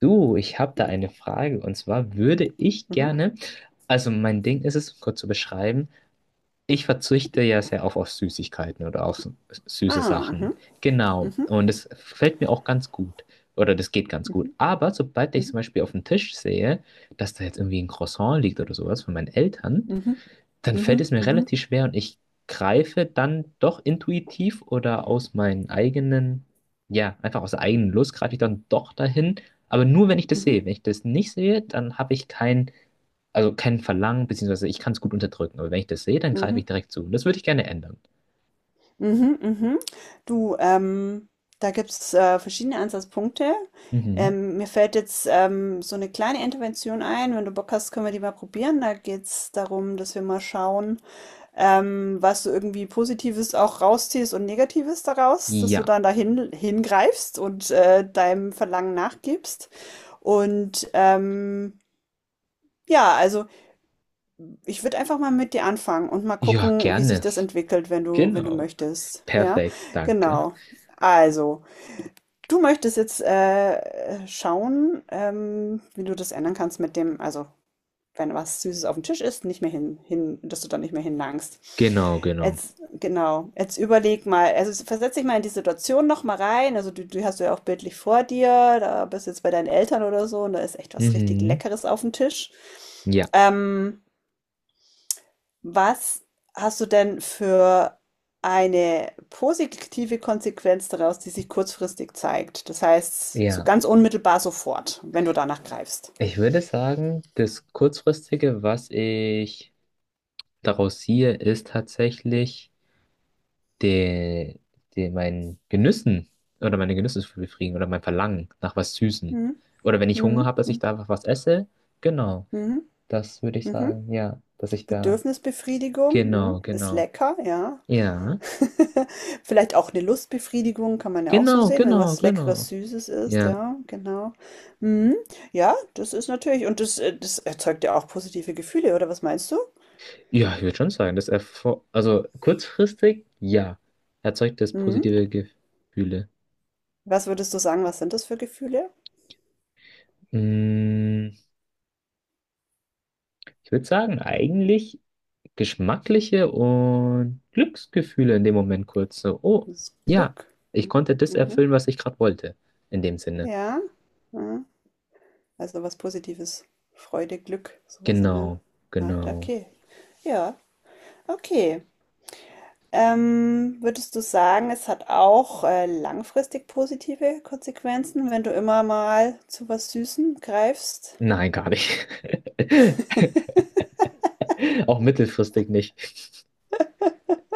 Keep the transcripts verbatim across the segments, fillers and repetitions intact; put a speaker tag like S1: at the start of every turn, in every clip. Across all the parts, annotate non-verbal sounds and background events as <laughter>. S1: Du, ich habe da eine Frage, und zwar würde ich
S2: Mhm.
S1: gerne, also mein Ding ist es, um kurz zu beschreiben, ich verzichte ja sehr oft auf Süßigkeiten oder auf s- süße
S2: Ah,
S1: Sachen.
S2: mhm.
S1: Genau.
S2: Mhm.
S1: Und es fällt mir auch ganz gut. Oder das geht ganz gut.
S2: Mhm.
S1: Aber sobald ich
S2: Mhm.
S1: zum Beispiel auf dem Tisch sehe, dass da jetzt irgendwie ein Croissant liegt oder sowas von meinen Eltern,
S2: Mhm.
S1: dann fällt es
S2: Mhm.
S1: mir
S2: Mhm.
S1: relativ schwer und ich greife dann doch intuitiv oder aus meinen eigenen, ja, einfach aus der eigenen Lust greife ich dann doch dahin, aber nur wenn ich das
S2: Mhm.
S1: sehe. Wenn ich das nicht sehe, dann habe ich kein, also kein Verlangen, beziehungsweise ich kann es gut unterdrücken, aber wenn ich das sehe, dann greife
S2: Mhm.
S1: ich direkt zu. Und das würde ich gerne ändern.
S2: Mhm. Mhm. Du, ähm, da gibt es äh, verschiedene Ansatzpunkte.
S1: Mhm.
S2: Ähm, mir fällt jetzt ähm, so eine kleine Intervention ein. Wenn du Bock hast, können wir die mal probieren. Da geht es darum, dass wir mal schauen, ähm, was du irgendwie Positives auch rausziehst und Negatives daraus, dass du
S1: Ja.
S2: dann dahin hingreifst und äh, deinem Verlangen nachgibst. Und ähm, ja, also. Ich würde einfach mal mit dir anfangen und mal
S1: Ja,
S2: gucken, wie sich
S1: gerne.
S2: das entwickelt, wenn du, wenn du
S1: Genau.
S2: möchtest. Ja,
S1: Perfekt, danke.
S2: genau. Also, du möchtest jetzt äh, schauen, ähm, wie du das ändern kannst mit dem, also wenn was Süßes auf dem Tisch ist, nicht mehr hin, hin, dass du da nicht mehr hinlangst.
S1: Genau, genau.
S2: Jetzt, genau, jetzt überleg mal, also versetz dich mal in die Situation noch mal rein. Also du, du hast du ja auch bildlich vor dir, da bist du jetzt bei deinen Eltern oder so und da ist echt was richtig
S1: Mhm.
S2: Leckeres auf dem Tisch.
S1: Ja.
S2: Ähm, Was hast du denn für eine positive Konsequenz daraus, die sich kurzfristig zeigt? Das heißt, so
S1: Ja.
S2: ganz unmittelbar sofort, wenn du danach greifst.
S1: Ich würde sagen, das Kurzfristige, was ich daraus ziehe, ist tatsächlich der, der mein Genüssen oder meine Genüsse zu befriedigen oder mein Verlangen nach was Süßem.
S2: Mhm.
S1: Oder wenn ich Hunger
S2: Mhm.
S1: habe, dass ich
S2: Mhm.
S1: da einfach was esse. Genau,
S2: Mhm.
S1: das würde ich
S2: Mhm.
S1: sagen, ja, dass ich da.
S2: Bedürfnisbefriedigung, mhm.
S1: Genau,
S2: Ist
S1: genau.
S2: lecker, ja.
S1: Ja,
S2: <laughs> Vielleicht auch eine Lustbefriedigung, kann man ja auch so
S1: genau,
S2: sehen, wenn
S1: genau,
S2: was Leckeres,
S1: genau.
S2: Süßes ist,
S1: Ja,
S2: ja, genau. Mhm. Ja, das ist natürlich, und das, äh, das erzeugt ja auch positive Gefühle, oder was meinst du?
S1: ja, ich würde schon sagen, das erfor also kurzfristig, ja, erzeugt das
S2: Mhm.
S1: positive Gefühle.
S2: Was würdest du sagen, was sind das für Gefühle?
S1: Mm, Ich würde sagen, eigentlich geschmackliche und Glücksgefühle in dem Moment kurz. So, oh,
S2: Das
S1: ja,
S2: Glück.
S1: ich
S2: Mhm.
S1: konnte das
S2: Mhm.
S1: erfüllen, was ich gerade wollte. In dem Sinne.
S2: Ja. Mhm. Also was Positives. Freude, Glück, sowas in der
S1: Genau,
S2: Art.
S1: genau.
S2: Okay. Ja, okay. Ähm, würdest du sagen, es hat auch äh, langfristig positive Konsequenzen, wenn du immer mal zu was Süßem greifst?
S1: Nein, gar nicht. <laughs> Auch mittelfristig nicht.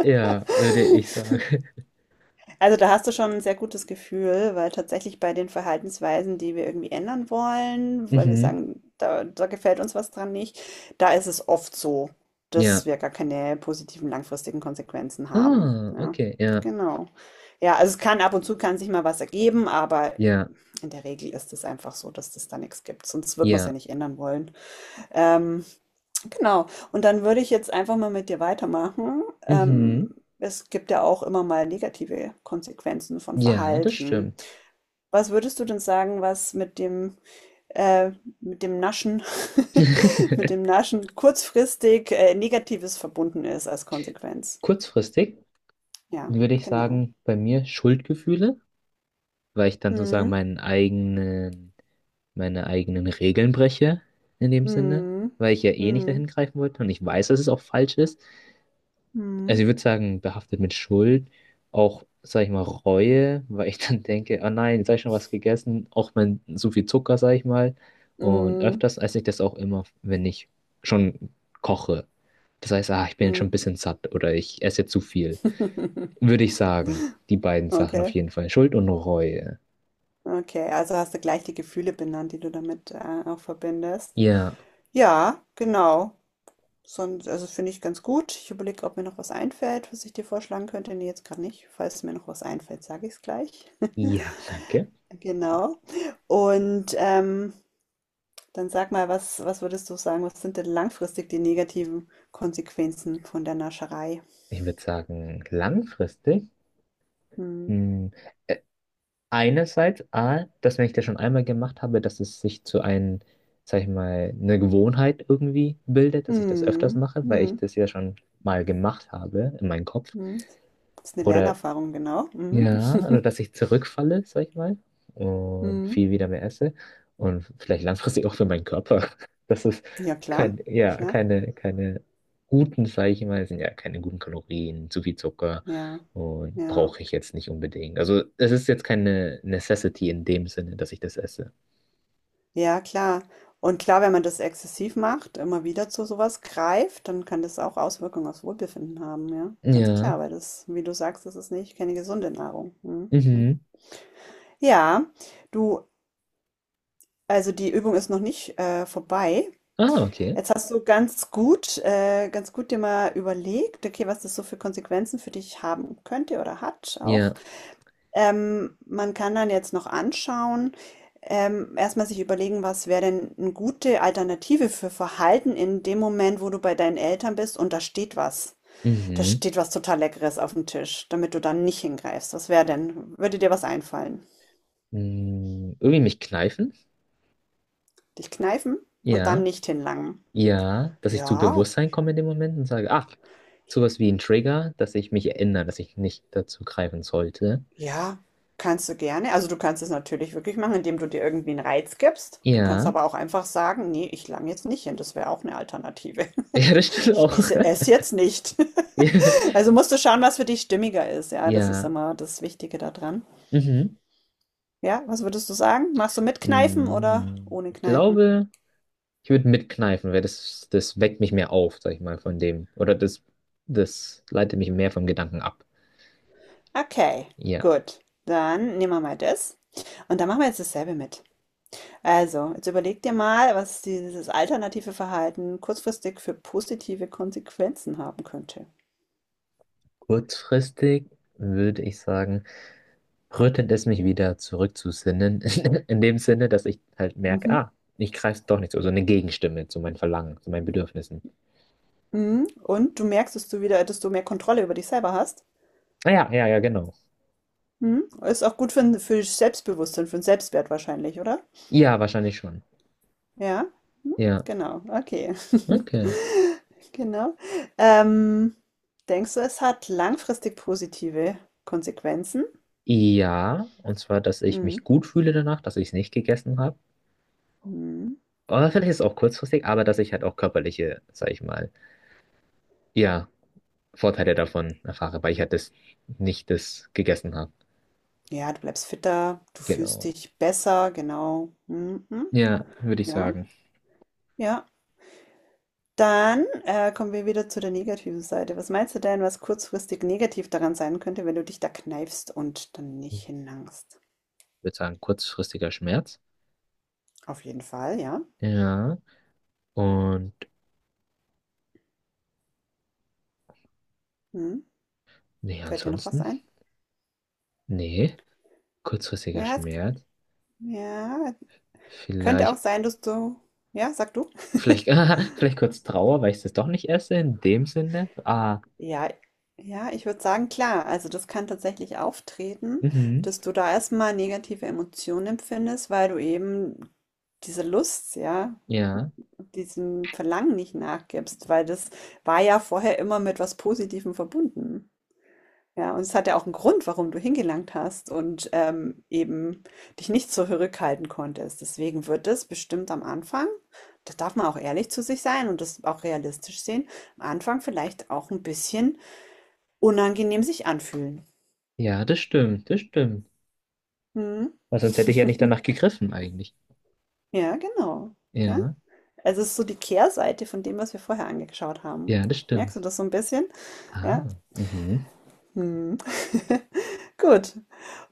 S1: Ja, würde ich sagen. <laughs>
S2: Also da hast du schon ein sehr gutes Gefühl, weil tatsächlich bei den Verhaltensweisen, die wir irgendwie ändern wollen, weil wir
S1: Mhm.
S2: sagen, da da gefällt uns was dran nicht, da ist es oft so, dass
S1: Ja.
S2: wir gar keine positiven langfristigen Konsequenzen haben.
S1: Ah,
S2: Ja,
S1: okay. Ja,
S2: genau. Ja, also es kann ab und zu kann sich mal was ergeben, aber
S1: ja,
S2: in der Regel ist es einfach so, dass das da nichts gibt, sonst würde es ja
S1: ja.
S2: nicht ändern wollen. Ähm, Genau. Und dann würde ich jetzt einfach mal mit dir weitermachen.
S1: Mhm.
S2: Ähm, es gibt ja auch immer mal negative Konsequenzen von
S1: Ja, das
S2: Verhalten.
S1: stimmt.
S2: Was würdest du denn sagen, was mit dem, äh, mit dem Naschen, <laughs> mit
S1: <laughs>
S2: dem Naschen kurzfristig, äh, Negatives verbunden ist als Konsequenz?
S1: Kurzfristig
S2: Ja,
S1: würde ich
S2: genau.
S1: sagen, bei mir Schuldgefühle, weil ich dann sozusagen
S2: Mhm.
S1: meinen eigenen meine eigenen Regeln breche, in dem Sinne,
S2: Mhm.
S1: weil ich ja eh nicht
S2: Mhm.
S1: dahin greifen wollte und ich weiß, dass es auch falsch ist. Also
S2: Mhm.
S1: ich würde sagen, behaftet mit Schuld, auch, sag ich mal, Reue, weil ich <laughs> dann denke, oh nein, jetzt habe ich schon was gegessen, auch wenn so viel Zucker, sag ich mal. Und
S2: Mhm.
S1: öfters esse ich das auch immer, wenn ich schon koche. Das heißt, ah, ich bin jetzt schon ein
S2: Mhm.
S1: bisschen satt oder ich esse zu viel.
S2: <laughs>
S1: Würde ich sagen, die beiden Sachen auf
S2: Okay.
S1: jeden Fall, Schuld und Reue.
S2: Okay, also hast du gleich die Gefühle benannt, die du damit äh, auch verbindest.
S1: Ja,
S2: Ja, genau. Sonst, also finde ich ganz gut. Ich überlege, ob mir noch was einfällt, was ich dir vorschlagen könnte. Nee, jetzt gerade nicht. Falls mir noch was einfällt, sage ich es gleich. <laughs>
S1: ja, danke.
S2: Genau. Und ähm, dann sag mal, was, was würdest du sagen, was sind denn langfristig die negativen Konsequenzen von der Nascherei?
S1: Ich würde sagen, langfristig.
S2: Hm.
S1: Hm. Äh, Einerseits, A, dass wenn ich das schon einmal gemacht habe, dass es sich zu einem, sag ich mal, eine Gewohnheit irgendwie bildet, dass ich das öfters
S2: Hm.
S1: mache, weil ich
S2: Hm.
S1: das ja schon mal gemacht habe in meinem Kopf.
S2: Hm. Das ist eine
S1: Oder
S2: Lernerfahrung, genau. Mhm.
S1: ja, oder
S2: <laughs>
S1: dass ich zurückfalle, sag ich mal, und
S2: Hm.
S1: viel wieder mehr esse und vielleicht langfristig auch für meinen Körper. <laughs> Das ist
S2: Ja, klar,
S1: kein, ja,
S2: klar.
S1: keine, keine guten, sag ich mal, sind ja keine guten Kalorien, zu viel Zucker
S2: Ja,
S1: und
S2: ja.
S1: brauche ich jetzt nicht unbedingt. Also es ist jetzt keine Necessity in dem Sinne, dass ich das esse.
S2: Ja, klar. Und klar, wenn man das exzessiv macht, immer wieder zu sowas greift, dann kann das auch Auswirkungen aufs Wohlbefinden haben, ja. Ganz
S1: Ja,
S2: klar, weil das, wie du sagst, das ist nicht keine gesunde Nahrung. Mhm. Mhm.
S1: mhm.
S2: Ja, du, also die Übung ist noch nicht äh, vorbei.
S1: Ah, okay.
S2: Jetzt hast du ganz gut, äh, ganz gut dir mal überlegt, okay, was das so für Konsequenzen für dich haben könnte oder hat
S1: Ja,
S2: auch. Ähm, man kann dann jetzt noch anschauen, ähm, erstmal sich überlegen, was wäre denn eine gute Alternative für Verhalten in dem Moment, wo du bei deinen Eltern bist und da steht was. Da
S1: mhm.
S2: steht was total Leckeres auf dem Tisch, damit du dann nicht hingreifst. Was wäre denn? Würde dir was einfallen?
S1: Mm, Irgendwie mich kneifen?
S2: Dich kneifen und dann
S1: Ja.
S2: nicht hinlangen.
S1: Ja, dass ich zu
S2: Ja,
S1: Bewusstsein komme in dem Moment und sage, ach, sowas wie ein Trigger, dass ich mich erinnere, dass ich nicht dazu greifen sollte.
S2: ja, kannst du gerne. Also du kannst es natürlich wirklich machen, indem du dir irgendwie einen Reiz gibst. Du kannst
S1: Ja,
S2: aber auch einfach sagen, nee, ich lang jetzt nicht hin. Das wäre auch eine Alternative.
S1: <laughs> ja, das stimmt
S2: Ich
S1: auch. <laughs>
S2: esse es jetzt nicht. <laughs>
S1: Ja,
S2: Also musst du schauen, was für dich stimmiger ist. Ja, das ist
S1: ja.
S2: immer das Wichtige daran.
S1: Mhm.
S2: Ja, was würdest du sagen? Machst du mit Kneifen oder
S1: Mm,
S2: ohne
S1: Ich
S2: Kneifen?
S1: glaube, ich würde mitkneifen, weil das, das weckt mich mehr auf, sag ich mal, von dem. Oder das, das leitet mich mehr vom Gedanken ab.
S2: Okay,
S1: Ja,
S2: gut. Dann nehmen wir mal das. Und dann machen wir jetzt dasselbe mit. Also, jetzt überleg dir mal, was dieses alternative Verhalten kurzfristig für positive Konsequenzen haben könnte.
S1: kurzfristig würde ich sagen, rüttelt es mich wieder zurück zu Sinnen, <laughs> in dem Sinne, dass ich halt merke,
S2: Mhm.
S1: ah, ich greife doch nicht so, so eine Gegenstimme zu meinen Verlangen, zu meinen Bedürfnissen.
S2: Mhm. Und du merkst, dass du wieder, dass du mehr Kontrolle über dich selber hast.
S1: Ah ja, ja, ja, genau.
S2: Mhm. Ist auch gut für, ein- für Selbstbewusstsein, für den Selbstwert wahrscheinlich, oder?
S1: Ja, wahrscheinlich schon.
S2: Ja, hm,
S1: Ja,
S2: genau, okay. <laughs>
S1: okay.
S2: Genau. Ähm, Denkst du, es hat langfristig positive Konsequenzen?
S1: Ja, und zwar, dass ich
S2: Hm.
S1: mich gut fühle danach, dass ich es nicht gegessen habe.
S2: Hm.
S1: Oder vielleicht ist es auch kurzfristig, aber dass ich halt auch körperliche, sag ich mal, ja, Vorteile davon erfahre, weil ich halt das nicht das gegessen habe.
S2: Ja, du bleibst fitter, du fühlst
S1: Genau.
S2: dich besser, genau. Hm, hm.
S1: Ja, würde ich
S2: Ja,
S1: sagen.
S2: ja. Dann äh, kommen wir wieder zu der negativen Seite. Was meinst du denn, was kurzfristig negativ daran sein könnte, wenn du dich da kneifst und dann nicht
S1: Ich
S2: hinlangst?
S1: würde sagen, kurzfristiger Schmerz.
S2: Auf jeden Fall, ja.
S1: Ja. Und
S2: Hm.
S1: nee,
S2: Fällt dir noch was
S1: ansonsten?
S2: ein?
S1: Nee, kurzfristiger
S2: Ja, es,
S1: Schmerz.
S2: ja, könnte
S1: Vielleicht,
S2: auch sein, dass du, ja, sag du.
S1: vielleicht, <laughs> Vielleicht kurz Trauer, weil ich das doch nicht esse, in dem Sinne. Ah,
S2: Ja. Ja, ich würde sagen, klar, also das kann tatsächlich auftreten,
S1: mhm.
S2: dass du da erst mal negative Emotionen empfindest, weil du eben diese Lust, ja,
S1: Ja,
S2: diesem Verlangen nicht nachgibst, weil das war ja vorher immer mit was Positivem verbunden. Ja, und es hat ja auch einen Grund, warum du hingelangt hast und, ähm, eben dich nicht zurückhalten konntest. Deswegen wird es bestimmt am Anfang, da darf man auch ehrlich zu sich sein und das auch realistisch sehen, am Anfang vielleicht auch ein bisschen unangenehm sich anfühlen.
S1: ja, das stimmt, das stimmt.
S2: Mhm.
S1: Weil sonst hätte ich ja nicht danach gegriffen eigentlich.
S2: Ja, genau, gell?
S1: Ja,
S2: Also, es ist so die Kehrseite von dem, was wir vorher angeschaut haben.
S1: ja, das
S2: Merkst
S1: stimmt.
S2: du das so ein bisschen? Ja?
S1: Ah, mhm.
S2: Mhm. <laughs> Gut.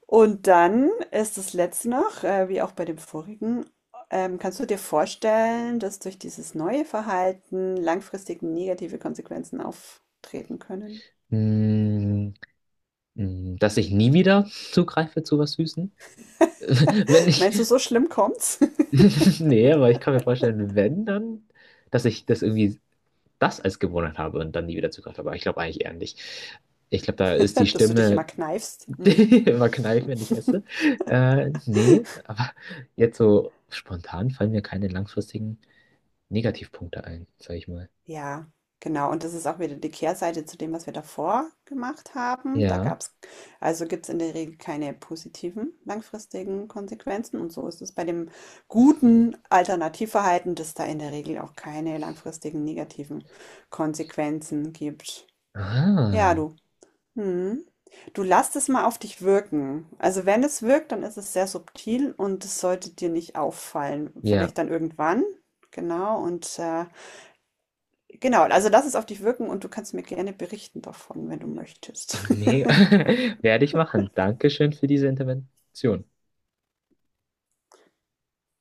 S2: Und dann ist das letzte noch, äh, wie auch bei dem vorigen, ähm, kannst du dir vorstellen, dass durch dieses neue Verhalten langfristig negative Konsequenzen auftreten können?
S1: Mm, mm, Dass ich nie wieder zugreife zu was Süßen? <laughs> Wenn ich,
S2: Meinst du, so schlimm kommt's,
S1: <laughs> nee, aber ich kann mir vorstellen, wenn dann, dass ich das irgendwie das als Gewohnheit habe und dann nie wieder Zugriff habe. Aber ich glaube eigentlich eher nicht. Ich glaube, da ist die
S2: <laughs> dass du dich immer
S1: Stimme
S2: kneifst?
S1: <laughs>
S2: Mm.
S1: immer kneif, wenn ich esse. Äh, nee, aber jetzt so spontan fallen mir keine langfristigen Negativpunkte ein, sag ich mal.
S2: Ja, genau. Und das ist auch wieder die Kehrseite zu dem, was wir davor gemacht haben. Da
S1: Ja.
S2: gab's, also gibt es in der Regel keine positiven langfristigen Konsequenzen. Und so ist es bei dem guten Alternativverhalten, dass da in der Regel auch keine langfristigen negativen Konsequenzen gibt. Ja,
S1: Ah,
S2: du. Hm. Du lass es mal auf dich wirken. Also wenn es wirkt, dann ist es sehr subtil und es sollte dir nicht auffallen.
S1: ja.
S2: Vielleicht dann irgendwann, genau, und äh, Genau, also lass es auf dich wirken und du kannst mir gerne berichten davon, wenn du möchtest. <laughs>
S1: Mega. <laughs> Werde ich machen. Dankeschön für diese Intervention.